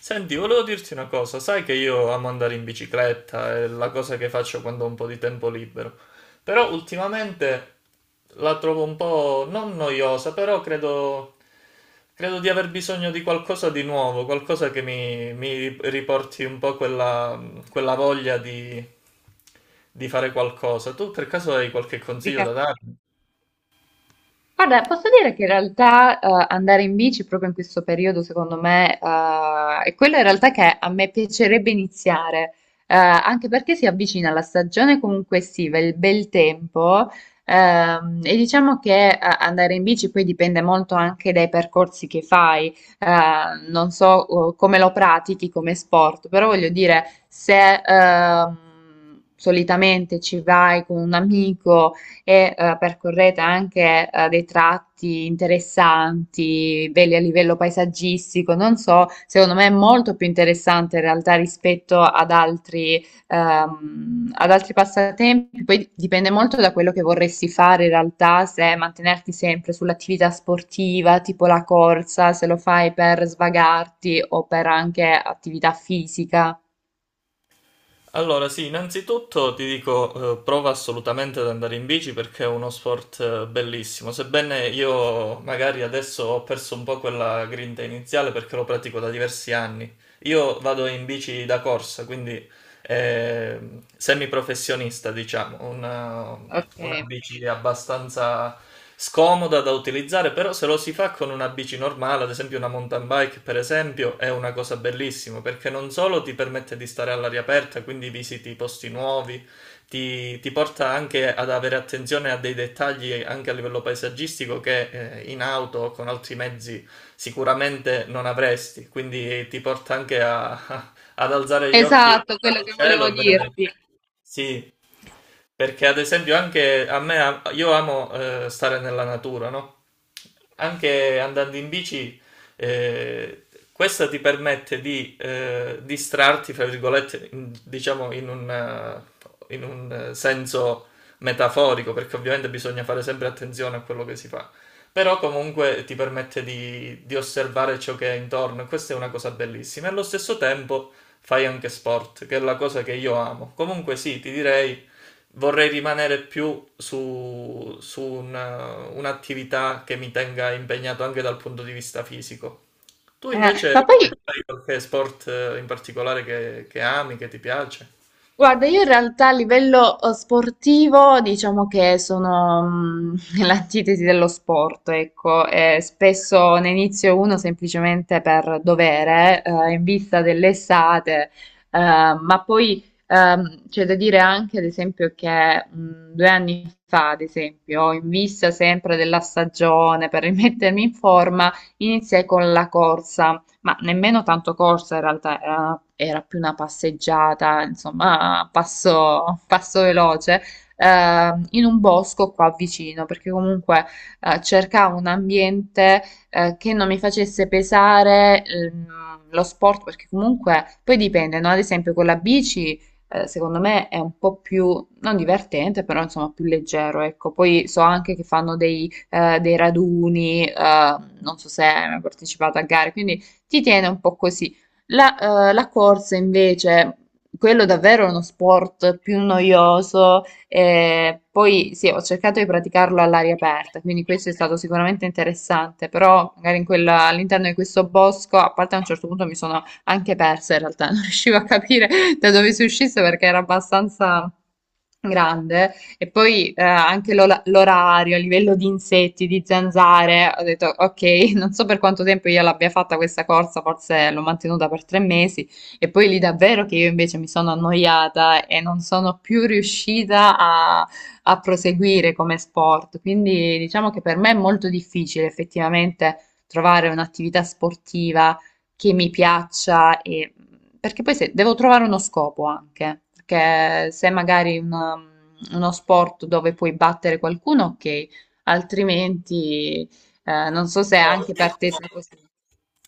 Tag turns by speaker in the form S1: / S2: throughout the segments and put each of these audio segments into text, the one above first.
S1: Senti, volevo dirti una cosa, sai che io amo andare in bicicletta, è la cosa che faccio quando ho un po' di tempo libero, però ultimamente la trovo un po' non noiosa, però credo di aver bisogno di qualcosa di nuovo, qualcosa che mi riporti un po' quella, quella voglia di fare qualcosa. Tu per caso hai qualche consiglio
S2: Dica-
S1: da darmi?
S2: Guarda, posso dire che in realtà andare in bici proprio in questo periodo, secondo me, è quello in realtà che a me piacerebbe iniziare, anche perché si avvicina la stagione comunque estiva, il bel tempo, e diciamo che andare in bici poi dipende molto anche dai percorsi che fai, non so come lo pratichi come sport, però voglio dire, se solitamente ci vai con un amico, e percorrete anche dei tratti interessanti, belli a livello paesaggistico, non so, secondo me è molto più interessante in realtà rispetto ad altri passatempi, poi dipende molto da quello che vorresti fare in realtà, se mantenerti sempre sull'attività sportiva, tipo la corsa, se lo fai per svagarti o per anche attività fisica.
S1: Allora, sì, innanzitutto ti dico, prova assolutamente ad andare in bici perché è uno sport bellissimo, sebbene io magari adesso ho perso un po' quella grinta iniziale perché lo pratico da diversi anni. Io vado in bici da corsa, quindi eh, semiprofessionista, diciamo,
S2: Ok,
S1: una bici abbastanza scomoda da utilizzare, però se lo si fa con una bici normale, ad esempio una mountain bike, per esempio, è una cosa bellissima, perché non solo ti permette di stare all'aria aperta, quindi visiti posti nuovi, ti porta anche ad avere attenzione a dei dettagli anche a livello paesaggistico che in auto o con altri mezzi sicuramente non avresti, quindi ti porta anche ad alzare gli occhi
S2: esatto, quello
S1: al
S2: che
S1: cielo
S2: volevo
S1: e vedere.
S2: dirti.
S1: Sì, perché ad esempio anche a me, io amo stare nella natura, no? Anche andando in bici, eh, questa ti permette di distrarti, fra virgolette, diciamo in un senso metaforico, perché ovviamente bisogna fare sempre attenzione a quello che si fa. Però comunque ti permette di osservare ciò che è intorno e questa è una cosa bellissima. E allo stesso tempo fai anche sport, che è la cosa che io amo. Comunque sì, ti direi vorrei rimanere più su un'attività che mi tenga impegnato anche dal punto di vista fisico. Tu
S2: Eh, ma
S1: invece
S2: poi
S1: fai qualche sport in particolare che ami, che ti piace?
S2: guarda, io in realtà a livello sportivo diciamo che sono l'antitesi dello sport, ecco, e spesso ne inizio uno semplicemente per dovere, in vista dell'estate, ma poi c'è da dire anche, ad esempio, che 2 anni fa, ad esempio, in vista sempre della stagione, per rimettermi in forma, iniziai con la corsa, ma nemmeno tanto corsa in realtà, era più una passeggiata, insomma, passo, passo veloce, in un bosco qua vicino, perché comunque cercavo un ambiente che non mi facesse pesare lo sport, perché comunque poi dipende, no? Ad esempio con la bici secondo me è un po' più, non divertente, però insomma più leggero, ecco. Poi so anche che fanno dei raduni, non so se hai mai partecipato a gare, quindi ti tiene un po' così. La corsa invece, quello davvero è uno sport più noioso. Poi sì, ho cercato di praticarlo all'aria aperta, quindi questo è stato sicuramente interessante, però magari in all'interno di questo bosco, a parte a un certo punto mi sono anche persa in realtà, non riuscivo a capire da dove si uscisse perché era abbastanza grande. E poi anche l'orario, a livello di insetti, di zanzare, ho detto ok, non so per quanto tempo io l'abbia fatta questa corsa, forse l'ho mantenuta per 3 mesi, e poi lì davvero che io invece mi sono annoiata e non sono più riuscita a proseguire come sport. Quindi diciamo che per me è molto difficile effettivamente trovare un'attività sportiva che mi piaccia, e perché poi se, devo trovare uno scopo anche, perché se magari uno sport dove puoi battere qualcuno, ok, altrimenti non so se
S1: No.
S2: anche per te sia così.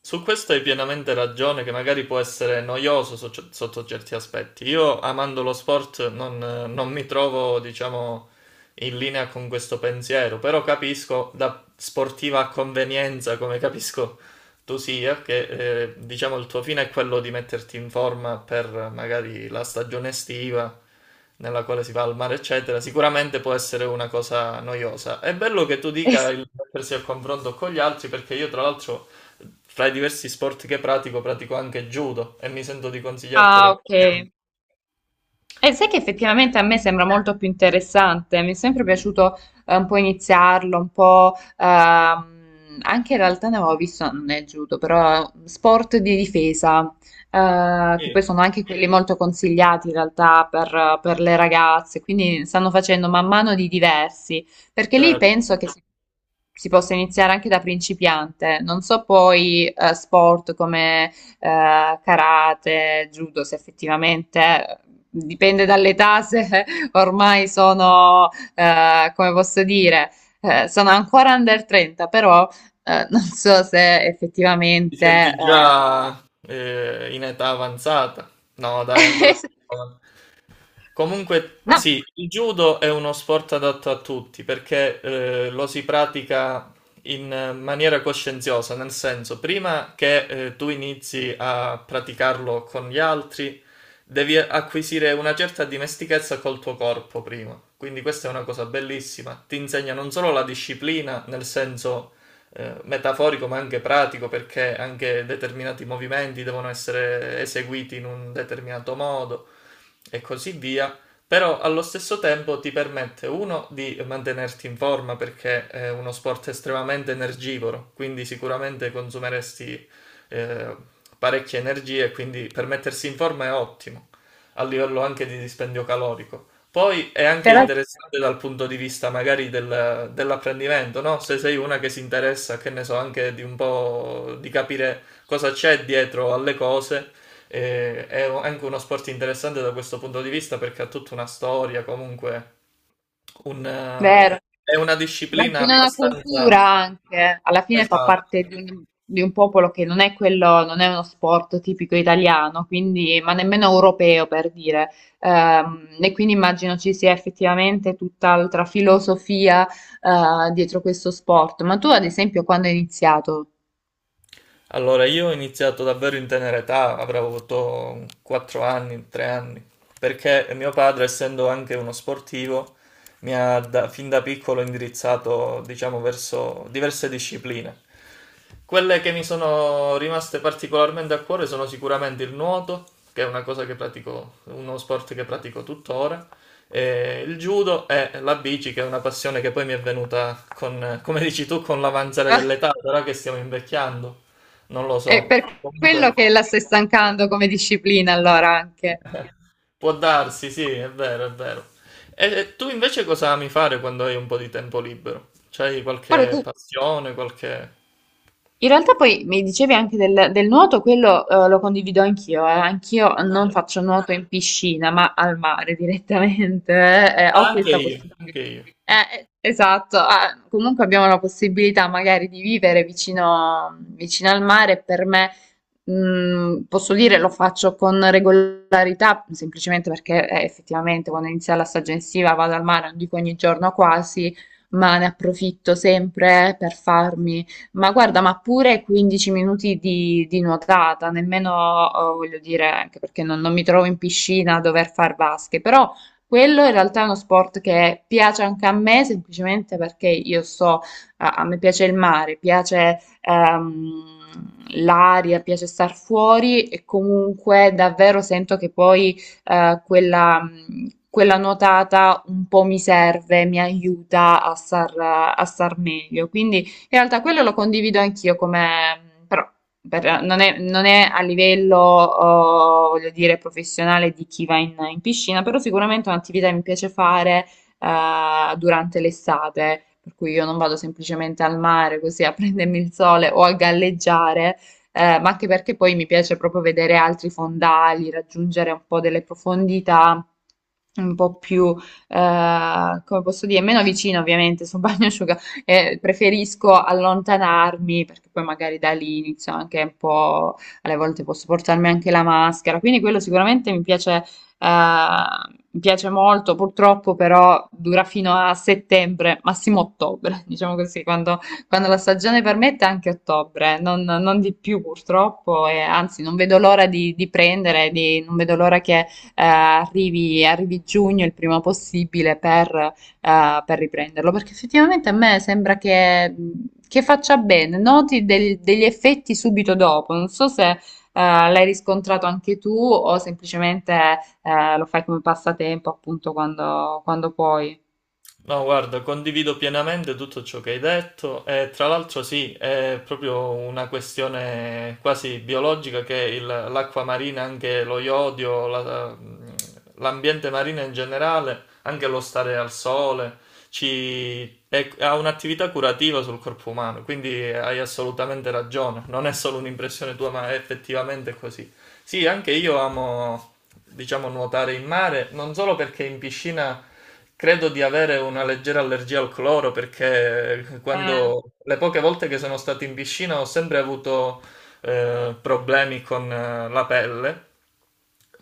S1: Su questo hai pienamente ragione, che magari può essere noioso sotto certi aspetti. Io, amando lo sport, non mi trovo, diciamo, in linea con questo pensiero, però capisco da sportiva a convenienza, come capisco tu sia, che diciamo il tuo fine è quello di metterti in forma per magari la stagione estiva nella quale si va al mare, eccetera, sicuramente può essere una cosa noiosa. È bello che tu
S2: Eh
S1: dica
S2: sì.
S1: il mettersi a confronto con gli altri, perché io, tra l'altro. Tra i diversi sport che pratico, pratico anche judo e mi sento di
S2: Ah,
S1: consigliartelo.
S2: ok. E sai che effettivamente a me sembra molto più interessante, mi è sempre piaciuto un po' iniziarlo, un po'. Anche in realtà ne avevo visto, non è judo, però sport di difesa, che
S1: Sì,
S2: poi sono anche quelli molto consigliati in realtà per le ragazze, quindi stanno facendo man mano di diversi, perché lì
S1: certo.
S2: penso che si possa iniziare anche da principiante, non so poi sport come karate, judo, se effettivamente dipende dall'età, se ormai sono, come posso dire, sono ancora under 30, però non so se
S1: Ti
S2: effettivamente.
S1: senti già in età avanzata. No, dai, ancora. Comunque,
S2: No,
S1: sì, il judo è uno sport adatto a tutti perché lo si pratica in maniera coscienziosa, nel senso, prima che tu inizi a praticarlo con gli altri, devi acquisire una certa dimestichezza col tuo corpo prima. Quindi questa è una cosa bellissima, ti insegna non solo la disciplina, nel senso metaforico ma anche pratico, perché anche determinati movimenti devono essere eseguiti in un determinato modo e così via, però allo stesso tempo ti permette uno di mantenerti in forma perché è uno sport estremamente energivoro, quindi sicuramente consumeresti eh, parecchie energie, quindi per mettersi in forma è ottimo, a livello anche di dispendio calorico. Poi è anche
S2: però.
S1: interessante dal punto di vista magari dell'apprendimento, no? Se sei una che si interessa, che ne so, anche di un po' di capire cosa c'è dietro alle cose, e è anche uno sport interessante da questo punto di vista perché ha tutta una storia, comunque un,
S2: Vero.
S1: è una disciplina
S2: Immagina la
S1: abbastanza.
S2: cultura anche, alla fine fa
S1: Esatto.
S2: parte di un popolo che non è quello, non è uno sport tipico italiano, quindi, ma nemmeno europeo per dire. E quindi immagino ci sia effettivamente tutt'altra filosofia, dietro questo sport. Ma tu, ad esempio, quando hai iniziato?
S1: Allora, io ho iniziato davvero in tenera età, avrò avuto 4 anni, 3 anni, perché mio padre, essendo anche uno sportivo, mi ha fin da piccolo indirizzato, diciamo, verso diverse discipline. Quelle che mi sono rimaste particolarmente a cuore sono sicuramente il nuoto, che è una cosa che pratico, uno sport che pratico tuttora, e il judo e la bici, che è una passione che poi mi è venuta con, come dici tu, con l'avanzare
S2: Ah,
S1: dell'età, però che stiamo invecchiando, non lo
S2: è
S1: so.
S2: per quello
S1: Comunque
S2: che la stai stancando come disciplina, allora anche.
S1: può darsi, sì, è vero, è vero. E tu invece cosa ami fare quando hai un po' di tempo libero? C'hai
S2: Guarda,
S1: qualche passione, qualche.
S2: in realtà poi mi dicevi anche del nuoto, quello lo condivido anch'io, eh. Anch'io
S1: Ah,
S2: non faccio nuoto in piscina, ma al mare direttamente, ho
S1: anche
S2: questa
S1: io,
S2: possibilità.
S1: anche io.
S2: Esatto, ah, comunque abbiamo la possibilità magari di vivere vicino, vicino al mare. Per me, posso dire, lo faccio con regolarità, semplicemente perché effettivamente quando inizia la stagione estiva vado al mare, non dico ogni giorno quasi, ma ne approfitto sempre per farmi, ma guarda, ma pure 15 minuti di nuotata, nemmeno, voglio dire, anche perché non mi trovo in piscina a dover far vasche, però quello in realtà è uno sport che piace anche a me, semplicemente perché io so, a me piace il mare, piace l'aria, piace star fuori, e comunque davvero sento che poi quella nuotata un po' mi serve, mi aiuta a star meglio. Quindi in realtà quello lo condivido anch'io come, però non è a livello, oh, voglio dire, professionale di chi va in piscina, però sicuramente è un'attività che mi piace fare, durante l'estate, per cui io non vado semplicemente al mare così a prendermi il sole o a galleggiare, ma anche perché poi mi piace proprio vedere altri fondali, raggiungere un po' delle profondità un po' più, come posso dire, meno vicino ovviamente su un bagno preferisco allontanarmi, perché poi magari da lì inizio anche un po', alle volte posso portarmi anche la maschera, quindi quello sicuramente eh, mi piace molto, purtroppo però dura fino a settembre, massimo ottobre, diciamo così, quando, quando la stagione permette anche ottobre, non di più purtroppo, e anzi non vedo l'ora di prendere, non vedo l'ora che arrivi giugno il prima possibile per riprenderlo, perché effettivamente a me sembra che faccia bene, noti degli effetti subito dopo, non so se l'hai riscontrato anche tu o semplicemente lo fai come passatempo appunto quando puoi.
S1: No, guarda, condivido pienamente tutto ciò che hai detto e tra l'altro sì, è proprio una questione quasi biologica che l'acqua marina, anche lo iodio, l'ambiente marino in generale, anche lo stare al sole, ha un'attività curativa sul corpo umano, quindi hai assolutamente ragione, non è solo un'impressione tua, ma è effettivamente così. Sì, anche io amo, diciamo, nuotare in mare, non solo perché in piscina credo di avere una leggera allergia al cloro, perché
S2: Eh,
S1: quando, le poche volte che sono stato in piscina ho sempre avuto problemi con la pelle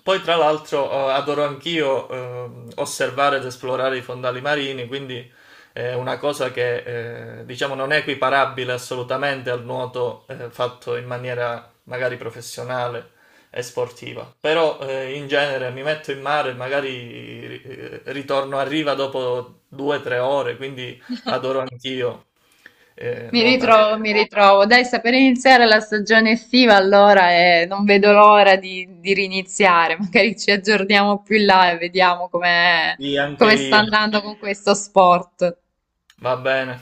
S1: poi, tra l'altro, adoro anch'io osservare ed esplorare i fondali marini, quindi è una cosa che diciamo non è equiparabile assolutamente al nuoto fatto in maniera magari professionale e sportiva. Però in genere mi metto in mare, e magari ritorno a riva dopo 2 o 3 ore, quindi adoro anch'io
S2: mi
S1: nuotare.
S2: ritrovo, mi ritrovo. Dai, sta per iniziare la stagione estiva allora e non vedo l'ora di riniziare, magari ci aggiorniamo più in là e vediamo come
S1: Sì, anche
S2: come sta
S1: io.
S2: andando con questo sport.
S1: Va bene.